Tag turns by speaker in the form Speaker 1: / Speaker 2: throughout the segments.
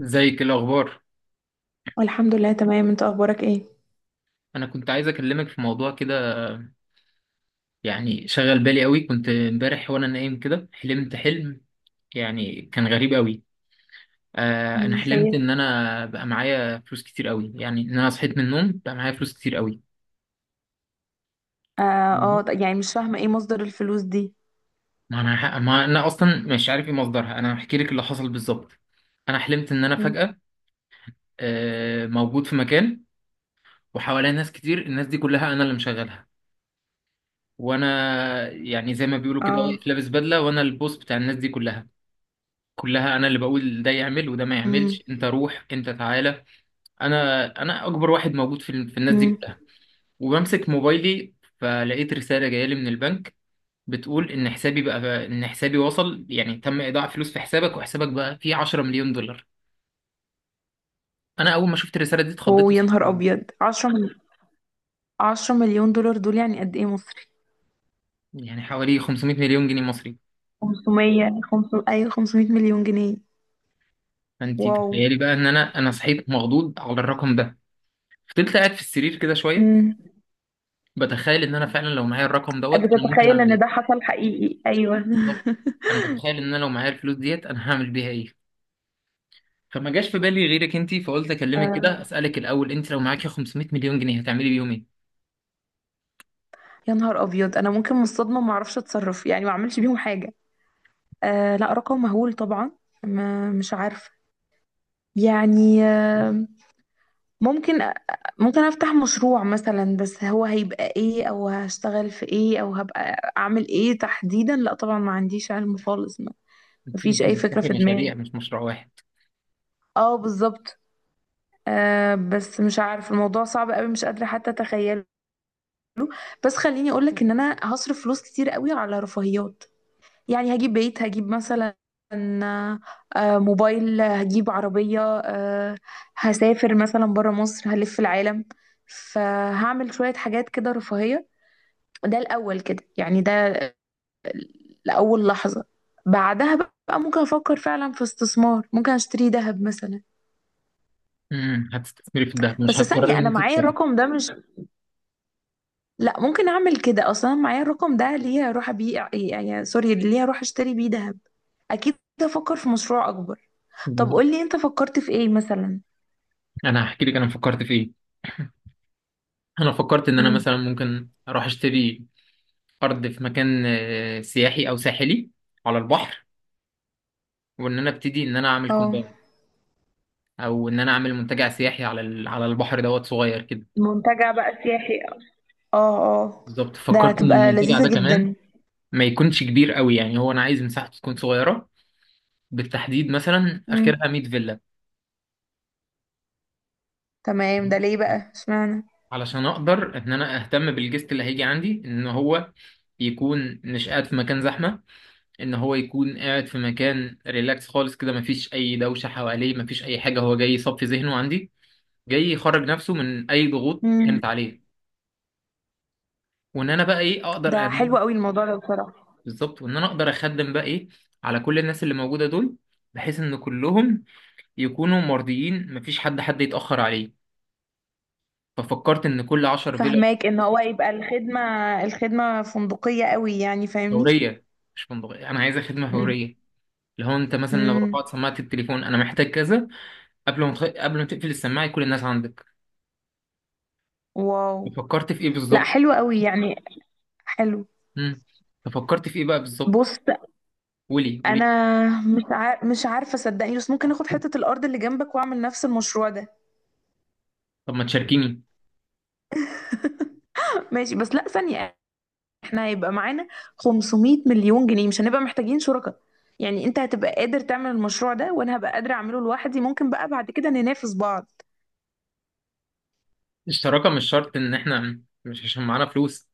Speaker 1: ازيك؟ إيه الاخبار؟
Speaker 2: والحمد لله تمام، انت اخبارك ايه؟
Speaker 1: انا كنت عايز اكلمك في موضوع كده. يعني شغل بالي قوي، كنت امبارح وانا نايم كده حلمت حلم. يعني كان غريب قوي. انا
Speaker 2: مم،
Speaker 1: حلمت
Speaker 2: خير.
Speaker 1: ان انا بقى معايا فلوس كتير قوي، يعني ان انا صحيت من النوم بقى معايا فلوس كتير قوي.
Speaker 2: اه اه،
Speaker 1: مهم.
Speaker 2: يعني مش فاهمه ايه مصدر الفلوس دي.
Speaker 1: ما انا اصلا مش عارف ايه مصدرها. انا هحكي لك اللي حصل بالظبط. انا حلمت ان انا
Speaker 2: مم.
Speaker 1: فجأة موجود في مكان، وحواليا ناس كتير. الناس دي كلها انا اللي مشغلها. وانا يعني زي ما بيقولوا كده
Speaker 2: اه،
Speaker 1: واقف لابس بدلة، وانا البوس بتاع الناس دي كلها، كلها انا اللي بقول ده يعمل وده ما
Speaker 2: امم
Speaker 1: يعملش، انت روح انت تعالى. انا اكبر واحد موجود في الناس دي
Speaker 2: امم
Speaker 1: كلها، وبمسك موبايلي. فلقيت رسالة جاية لي من البنك، بتقول ان حسابي وصل، يعني تم ايداع فلوس في حسابك، وحسابك بقى فيه 10 مليون دولار. انا اول ما شفت الرسالة دي اتخضيت
Speaker 2: ويا نهار ابيض، 10 مليون دولار دول يعني قد ايه مصري؟
Speaker 1: يعني حوالي 500 مليون جنيه مصري.
Speaker 2: 500، ايوه 500 مليون جنيه.
Speaker 1: فانت
Speaker 2: واو.
Speaker 1: تخيلي بقى ان انا صحيت مخضوض على الرقم ده. فضلت قاعد في السرير كده شوية
Speaker 2: مم.
Speaker 1: بتخيل ان انا فعلا لو معايا الرقم دوت انا ممكن
Speaker 2: بتتخيل
Speaker 1: اعمل
Speaker 2: ان
Speaker 1: ايه.
Speaker 2: ده حصل حقيقي؟ ايوه.
Speaker 1: بالظبط، انا متخيل ان انا لو معايا الفلوس ديت انا هعمل بيها ايه. فما جاش في بالي غيرك انت، فقلت اكلمك كده
Speaker 2: آه.
Speaker 1: اسالك الاول، انت لو معاكي 500 مليون جنيه هتعملي بيهم ايه؟
Speaker 2: يا نهار ابيض، انا ممكن من الصدمه ما اعرفش اتصرف، يعني ما اعملش بيهم حاجه. آه لا، رقم مهول طبعا. ما مش عارفه. يعني ممكن ممكن افتح مشروع مثلا، بس هو هيبقى ايه، او هشتغل في ايه، او هبقى اعمل ايه تحديدا؟ لا طبعا، ما عنديش علم خالص ما.
Speaker 1: انت
Speaker 2: مفيش
Speaker 1: ممكن
Speaker 2: اي فكرة
Speaker 1: تفتحي
Speaker 2: في
Speaker 1: مشاريع
Speaker 2: دماغي.
Speaker 1: مش مشروع واحد.
Speaker 2: اه بالظبط. آه بس مش عارف، الموضوع صعب قوي، مش قادرة حتى اتخيله. بس خليني اقولك ان انا هصرف فلوس كتير قوي على رفاهيات. يعني هجيب بيت، هجيب مثلا موبايل، هجيب عربية، هسافر مثلا برا مصر، هلف العالم. فهعمل شوية حاجات كده رفاهية. ده الأول كده، يعني ده لأول لحظة. بعدها بقى ممكن أفكر فعلا في استثمار، ممكن أشتري ذهب مثلا.
Speaker 1: هتستثمري في الذهب، مش
Speaker 2: بس
Speaker 1: هتقرري
Speaker 2: ثانية،
Speaker 1: ان
Speaker 2: أنا
Speaker 1: انت
Speaker 2: معايا
Speaker 1: تفكري؟
Speaker 2: الرقم ده مش... لا، ممكن أعمل كده أصلا؟ أنا معايا الرقم ده ليه هروح أبيع، يعني سوري، ليه هروح أشتري بيه ذهب؟ أكيد أفكر في مشروع أكبر. طب
Speaker 1: بالظبط،
Speaker 2: قولي انت فكرت في ايه مثلا.
Speaker 1: انا هحكي لك انا فكرت في ايه. انا فكرت ان انا
Speaker 2: مم.
Speaker 1: مثلا ممكن اروح اشتري ارض في مكان سياحي او ساحلي، على البحر. وان انا ابتدي ان انا اعمل
Speaker 2: اه.
Speaker 1: كومباوند، او ان انا اعمل منتجع سياحي على البحر دوت صغير كده.
Speaker 2: منتجع بقى سياحي، اه. اه.
Speaker 1: بالظبط،
Speaker 2: ده
Speaker 1: فكرت ان
Speaker 2: هتبقى
Speaker 1: المنتجع ده
Speaker 2: لذيذة
Speaker 1: كمان
Speaker 2: جدا.
Speaker 1: ما يكونش كبير قوي. يعني هو انا عايز مساحته تكون صغيره، بالتحديد مثلا
Speaker 2: امم.
Speaker 1: اخرها 100 فيلا،
Speaker 2: تمام، ده ليه بقى، اشمعنى؟
Speaker 1: علشان اقدر ان انا اهتم بالجست اللي هيجي عندي، ان هو يكون مش قاعد في مكان زحمه، ان هو يكون قاعد في مكان ريلاكس خالص كده، مفيش اي دوشه حواليه، مفيش اي حاجه، هو جاي يصفي ذهنه عندي، جاي يخرج نفسه من اي ضغوط
Speaker 2: مم.
Speaker 1: كانت عليه. وان انا بقى ايه اقدر
Speaker 2: ده
Speaker 1: ان
Speaker 2: حلو
Speaker 1: انا،
Speaker 2: قوي الموضوع ده بصراحة.
Speaker 1: بالظبط، وان انا اقدر اخدم بقى ايه على كل الناس اللي موجوده دول، بحيث ان كلهم يكونوا مرضيين، مفيش حد يتأخر عليه. ففكرت إن كل عشر فيلا.
Speaker 2: فهماك ان هو يبقى الخدمة، الخدمة فندقية قوي، يعني فاهمني؟
Speaker 1: فورية، مش فندقية، أنا عايزة خدمة
Speaker 2: مم.
Speaker 1: فورية، اللي هو أنت مثلا لو
Speaker 2: امم.
Speaker 1: رفعت سماعة التليفون أنا محتاج كذا، قبل ما تقفل السماعة يكون الناس عندك.
Speaker 2: واو.
Speaker 1: ففكرت في إيه
Speaker 2: لا
Speaker 1: بالظبط؟
Speaker 2: حلو قوي، يعني حلو.
Speaker 1: مم. ففكرت في إيه بقى بالظبط؟
Speaker 2: بص،
Speaker 1: قولي
Speaker 2: انا
Speaker 1: قولي.
Speaker 2: مش عارفة صدقني، بس ممكن اخد حتة الارض اللي جنبك واعمل نفس المشروع ده.
Speaker 1: طب ما تشاركيني.
Speaker 2: ماشي بس لا ثانية، احنا هيبقى معانا 500 مليون جنيه، مش هنبقى محتاجين شركاء. يعني انت هتبقى قادر تعمل المشروع ده وانا هبقى قادرة اعمله لوحدي، ممكن بقى بعد كده ننافس بعض.
Speaker 1: الشراكة مش شرط إن إحنا مش عشان معانا فلوس،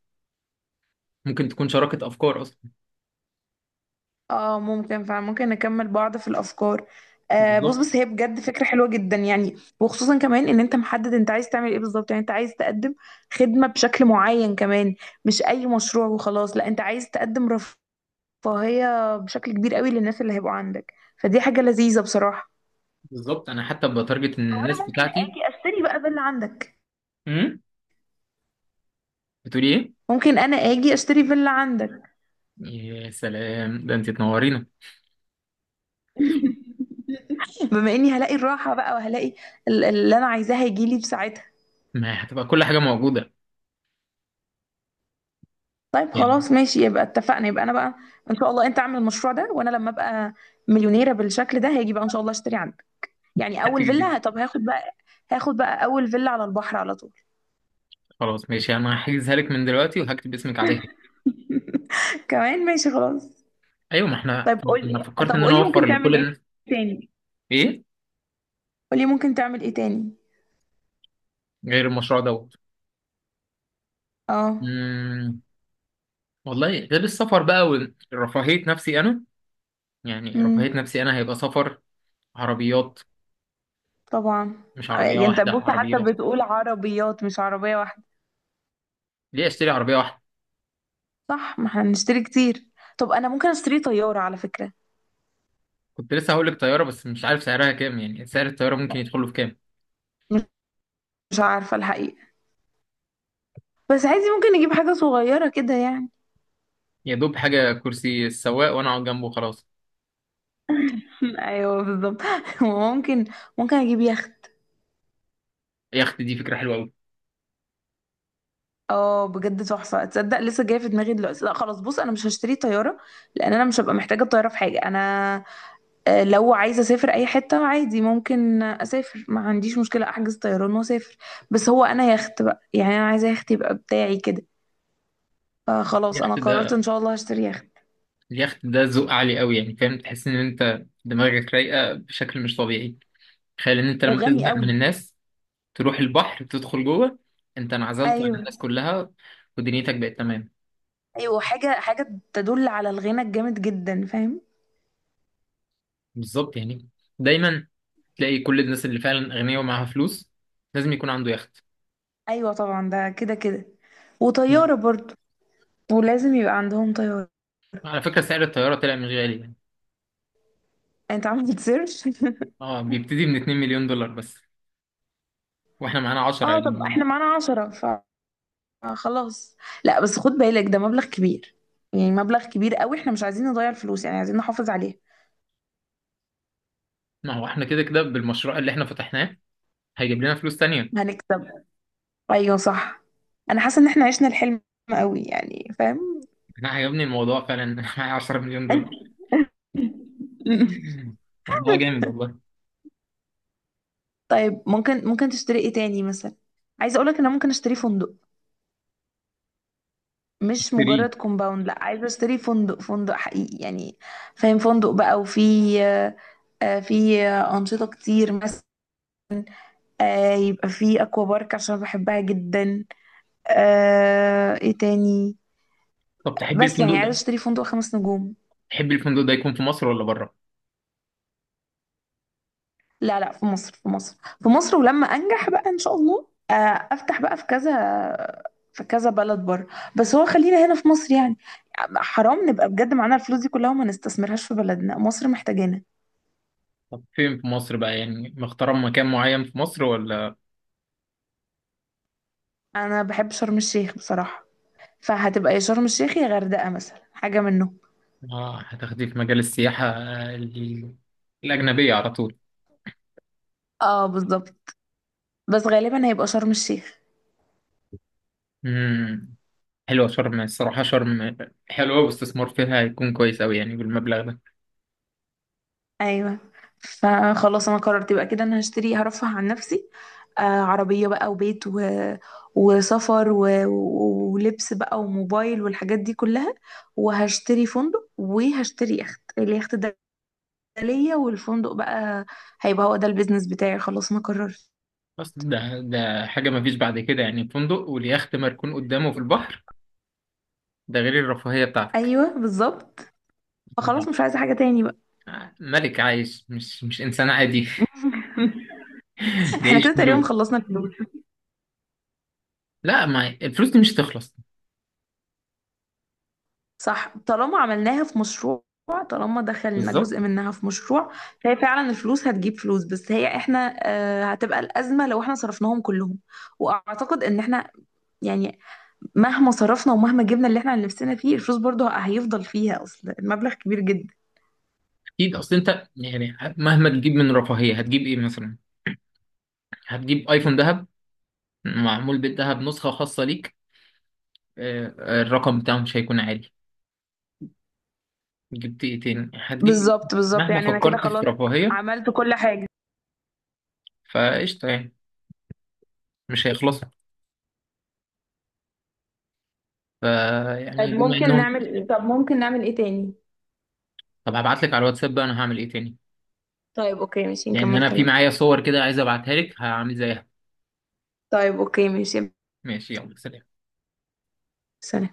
Speaker 1: ممكن تكون شراكة أفكار أصلا.
Speaker 2: اه ممكن فممكن نكمل بعض في الافكار. آه بص،
Speaker 1: بالظبط
Speaker 2: بس هي بجد فكرة حلوة جدا، يعني وخصوصا كمان ان انت محدد انت عايز تعمل ايه بالظبط، يعني انت عايز تقدم خدمة بشكل معين كمان، مش اي مشروع وخلاص. لا انت عايز تقدم رفاهية بشكل كبير قوي للناس اللي هيبقوا عندك، فدي حاجة لذيذة بصراحة.
Speaker 1: بالظبط، أنا حتى بتارجت إن
Speaker 2: وانا
Speaker 1: الناس
Speaker 2: ممكن
Speaker 1: بتاعتي.
Speaker 2: اجي اشتري بقى باللي عندك.
Speaker 1: مم. بتقولي إيه؟
Speaker 2: ممكن انا اجي اشتري فيلا عندك.
Speaker 1: يا سلام، ده أنت تنورينا.
Speaker 2: بما اني هلاقي الراحه بقى وهلاقي اللي انا عايزاه هيجي لي في ساعتها.
Speaker 1: ما هتبقى كل حاجة موجودة.
Speaker 2: طيب
Speaker 1: يعني
Speaker 2: خلاص ماشي، يبقى اتفقنا، يبقى انا بقى ان شاء الله انت اعمل المشروع ده، وانا لما ابقى مليونيره بالشكل ده هاجي بقى ان شاء الله اشتري عندك. يعني اول
Speaker 1: هتيجي دي.
Speaker 2: فيلا. طب هاخد بقى، هاخد بقى اول فيلا على البحر على طول.
Speaker 1: خلاص ماشي، أنا هحجزها لك من دلوقتي وهكتب اسمك عليها.
Speaker 2: كمان ماشي خلاص.
Speaker 1: أيوة، ما احنا.
Speaker 2: طيب
Speaker 1: أنا
Speaker 2: قولي،
Speaker 1: فكرت
Speaker 2: طب
Speaker 1: إن أنا
Speaker 2: قولي
Speaker 1: أوفر
Speaker 2: ممكن
Speaker 1: لكل
Speaker 2: تعمل ايه
Speaker 1: الناس.
Speaker 2: تاني.
Speaker 1: إيه؟
Speaker 2: قولي ممكن تعمل ايه تاني.
Speaker 1: غير المشروع دوت.
Speaker 2: اه.
Speaker 1: مم. والله غير السفر بقى، ورفاهية نفسي أنا. يعني
Speaker 2: امم.
Speaker 1: رفاهية نفسي أنا هيبقى سفر، عربيات.
Speaker 2: طبعا.
Speaker 1: مش عربية
Speaker 2: يعني انت
Speaker 1: واحدة،
Speaker 2: بص، حتى
Speaker 1: عربيات.
Speaker 2: بتقول عربيات مش عربيه واحده.
Speaker 1: ليه أشتري عربية واحدة؟
Speaker 2: صح، ما احنا بنشتري كتير. طب انا ممكن اشتري طيارة على فكرة.
Speaker 1: كنت لسه هقول لك طيارة بس مش عارف سعرها كام، يعني سعر الطيارة ممكن يدخله في كام.
Speaker 2: مش عارفة الحقيقة، بس عادي ممكن نجيب حاجة صغيرة كده يعني.
Speaker 1: يا دوب حاجة كرسي السواق وأنا أقعد جنبه، خلاص.
Speaker 2: ايوه بالظبط. ممكن ممكن اجيب يخت.
Speaker 1: يخت دي فكرة حلوة أوي.
Speaker 2: اه بجد تحفة، تصدق لسه جاية في دماغي دلوقتي؟ لا خلاص بص، انا مش هشتري طيارة، لان انا مش هبقى محتاجة الطيارة في حاجة. انا لو عايزة اسافر اي حتة عادي ممكن اسافر، ما عنديش مشكلة، احجز طيران واسافر. بس هو انا يخت بقى، يعني انا عايزة يخت يبقى بتاعي كده. فخلاص انا
Speaker 1: يخت
Speaker 2: قررت
Speaker 1: ده،
Speaker 2: ان شاء الله هشتري يخت.
Speaker 1: اليخت ده ذوق عالي قوي، يعني فاهم، تحس ان انت دماغك رايقه بشكل مش طبيعي. تخيل ان انت لما
Speaker 2: وغني
Speaker 1: تزهق من
Speaker 2: قوي.
Speaker 1: الناس تروح البحر تدخل جوه، انت انعزلت عن
Speaker 2: ايوه.
Speaker 1: الناس كلها، ودنيتك بقت تمام.
Speaker 2: ايوه، حاجه حاجه تدل على الغنى الجامد جدا، فاهم.
Speaker 1: بالظبط، يعني دايما تلاقي كل الناس اللي فعلا اغنياء ومعاها فلوس لازم يكون عنده يخت.
Speaker 2: ايوه طبعا، ده كده كده،
Speaker 1: مم.
Speaker 2: وطياره برضو، ولازم يبقى عندهم طياره.
Speaker 1: على فكره سعر الطياره طلع مش غالي يعني.
Speaker 2: يعني انت عامل سيرش؟
Speaker 1: اه، بيبتدي من 2 مليون دولار بس، واحنا معانا 10
Speaker 2: اه، طب
Speaker 1: يعني.
Speaker 2: احنا معانا 10، فخلاص. لا بس خد بالك ده مبلغ كبير، يعني مبلغ كبير قوي، احنا مش عايزين نضيع الفلوس، يعني عايزين نحافظ عليها.
Speaker 1: ما هو احنا كده كده بالمشروع اللي احنا فتحناه هيجيب لنا فلوس تانية.
Speaker 2: هنكسب. ايوه صح. انا حاسه ان احنا عشنا الحلم قوي، يعني فاهم.
Speaker 1: انا عجبني الموضوع فعلا. معايا 10 مليون دولار. والله جامد والله.
Speaker 2: طيب ممكن ممكن تشتري ايه تاني مثلا؟ عايزه اقولك ان انا ممكن اشتري فندق. مش
Speaker 1: اشتريه.
Speaker 2: مجرد كومباوند، لا عايزه اشتري فندق، فندق حقيقي يعني فاهم. فندق بقى، وفي آه، في انشطه كتير مثلا، يبقى في اكوا بارك عشان بحبها جدا. ايه تاني؟
Speaker 1: طب
Speaker 2: بس يعني عايزه اشتري فندق خمس نجوم.
Speaker 1: تحب الفندق ده يكون في مصر ولا بره؟
Speaker 2: لا لا، في مصر في مصر. في مصر، ولما انجح بقى ان شاء الله افتح بقى في كذا، في كذا بلد بره. بس هو خلينا هنا في مصر، يعني حرام نبقى بجد معانا الفلوس دي كلها وما نستثمرهاش في بلدنا، مصر محتاجانا.
Speaker 1: طب فين في مصر بقى؟ يعني مختار مكان معين في مصر ولا؟
Speaker 2: انا بحب شرم الشيخ بصراحه، فهتبقى يا شرم الشيخ يا غردقه مثلا، حاجه منهم.
Speaker 1: اه، هتاخديه في مجال السياحة الأجنبية على طول.
Speaker 2: اه بالظبط. بس غالبا هيبقى شرم الشيخ.
Speaker 1: امم حلوة شرم، الصراحة شرم حلوة، واستثمار فيها هيكون كويس أوي يعني بالمبلغ ده.
Speaker 2: ايوه، فخلاص انا قررت يبقى كده، انا هشتري هرفه عن نفسي، عربيه بقى وبيت و... وسفر و... ولبس بقى وموبايل والحاجات دي كلها. وهشتري فندق وهشتري يخت، اليخت ده ليا، والفندق بقى هيبقى هو ده البيزنس بتاعي، خلاص انا قررت.
Speaker 1: بس ده حاجة مفيش بعد كده، يعني فندق واليخت مركون قدامه في البحر، ده غير الرفاهية بتاعتك.
Speaker 2: ايوه بالظبط،
Speaker 1: ده
Speaker 2: فخلاص مش عايزه حاجه تاني بقى.
Speaker 1: ملك عايش، مش إنسان عادي. ده
Speaker 2: احنا
Speaker 1: عيش.
Speaker 2: كده تقريبا خلصنا الفلوس.
Speaker 1: لا، ما الفلوس دي مش هتخلص.
Speaker 2: صح، طالما عملناها في مشروع، طالما دخلنا
Speaker 1: بالظبط.
Speaker 2: جزء منها في مشروع. فهي فعلا الفلوس هتجيب فلوس، بس هي احنا هتبقى الأزمة لو احنا صرفناهم كلهم. واعتقد ان احنا يعني مهما صرفنا ومهما جبنا اللي احنا نفسنا فيه، الفلوس برضه هيفضل فيها، اصل المبلغ كبير جدا.
Speaker 1: اكيد، اصل انت يعني مهما تجيب من رفاهيه هتجيب ايه مثلا؟ هتجيب ايفون ذهب، معمول بالذهب، نسخه خاصه ليك. الرقم بتاعه مش هيكون عالي. جبت ايه تاني؟ هتجيب إيه؟
Speaker 2: بالظبط بالظبط،
Speaker 1: مهما
Speaker 2: يعني انا كده
Speaker 1: فكرت في
Speaker 2: خلاص
Speaker 1: رفاهيه،
Speaker 2: عملت كل حاجة.
Speaker 1: فقشطه يعني، مش هيخلصوا.
Speaker 2: طيب
Speaker 1: فيعني بما
Speaker 2: ممكن
Speaker 1: انهم.
Speaker 2: نعمل ايه، طب ممكن نعمل ايه تاني؟
Speaker 1: طب هبعت لك على الواتساب بقى انا هعمل ايه تاني،
Speaker 2: طيب اوكي ماشي،
Speaker 1: لان
Speaker 2: نكمل
Speaker 1: انا في
Speaker 2: كلام.
Speaker 1: معايا صور كده عايز ابعتها لك هعمل زيها.
Speaker 2: طيب اوكي ماشي.
Speaker 1: ماشي، يلا سلام.
Speaker 2: سلام.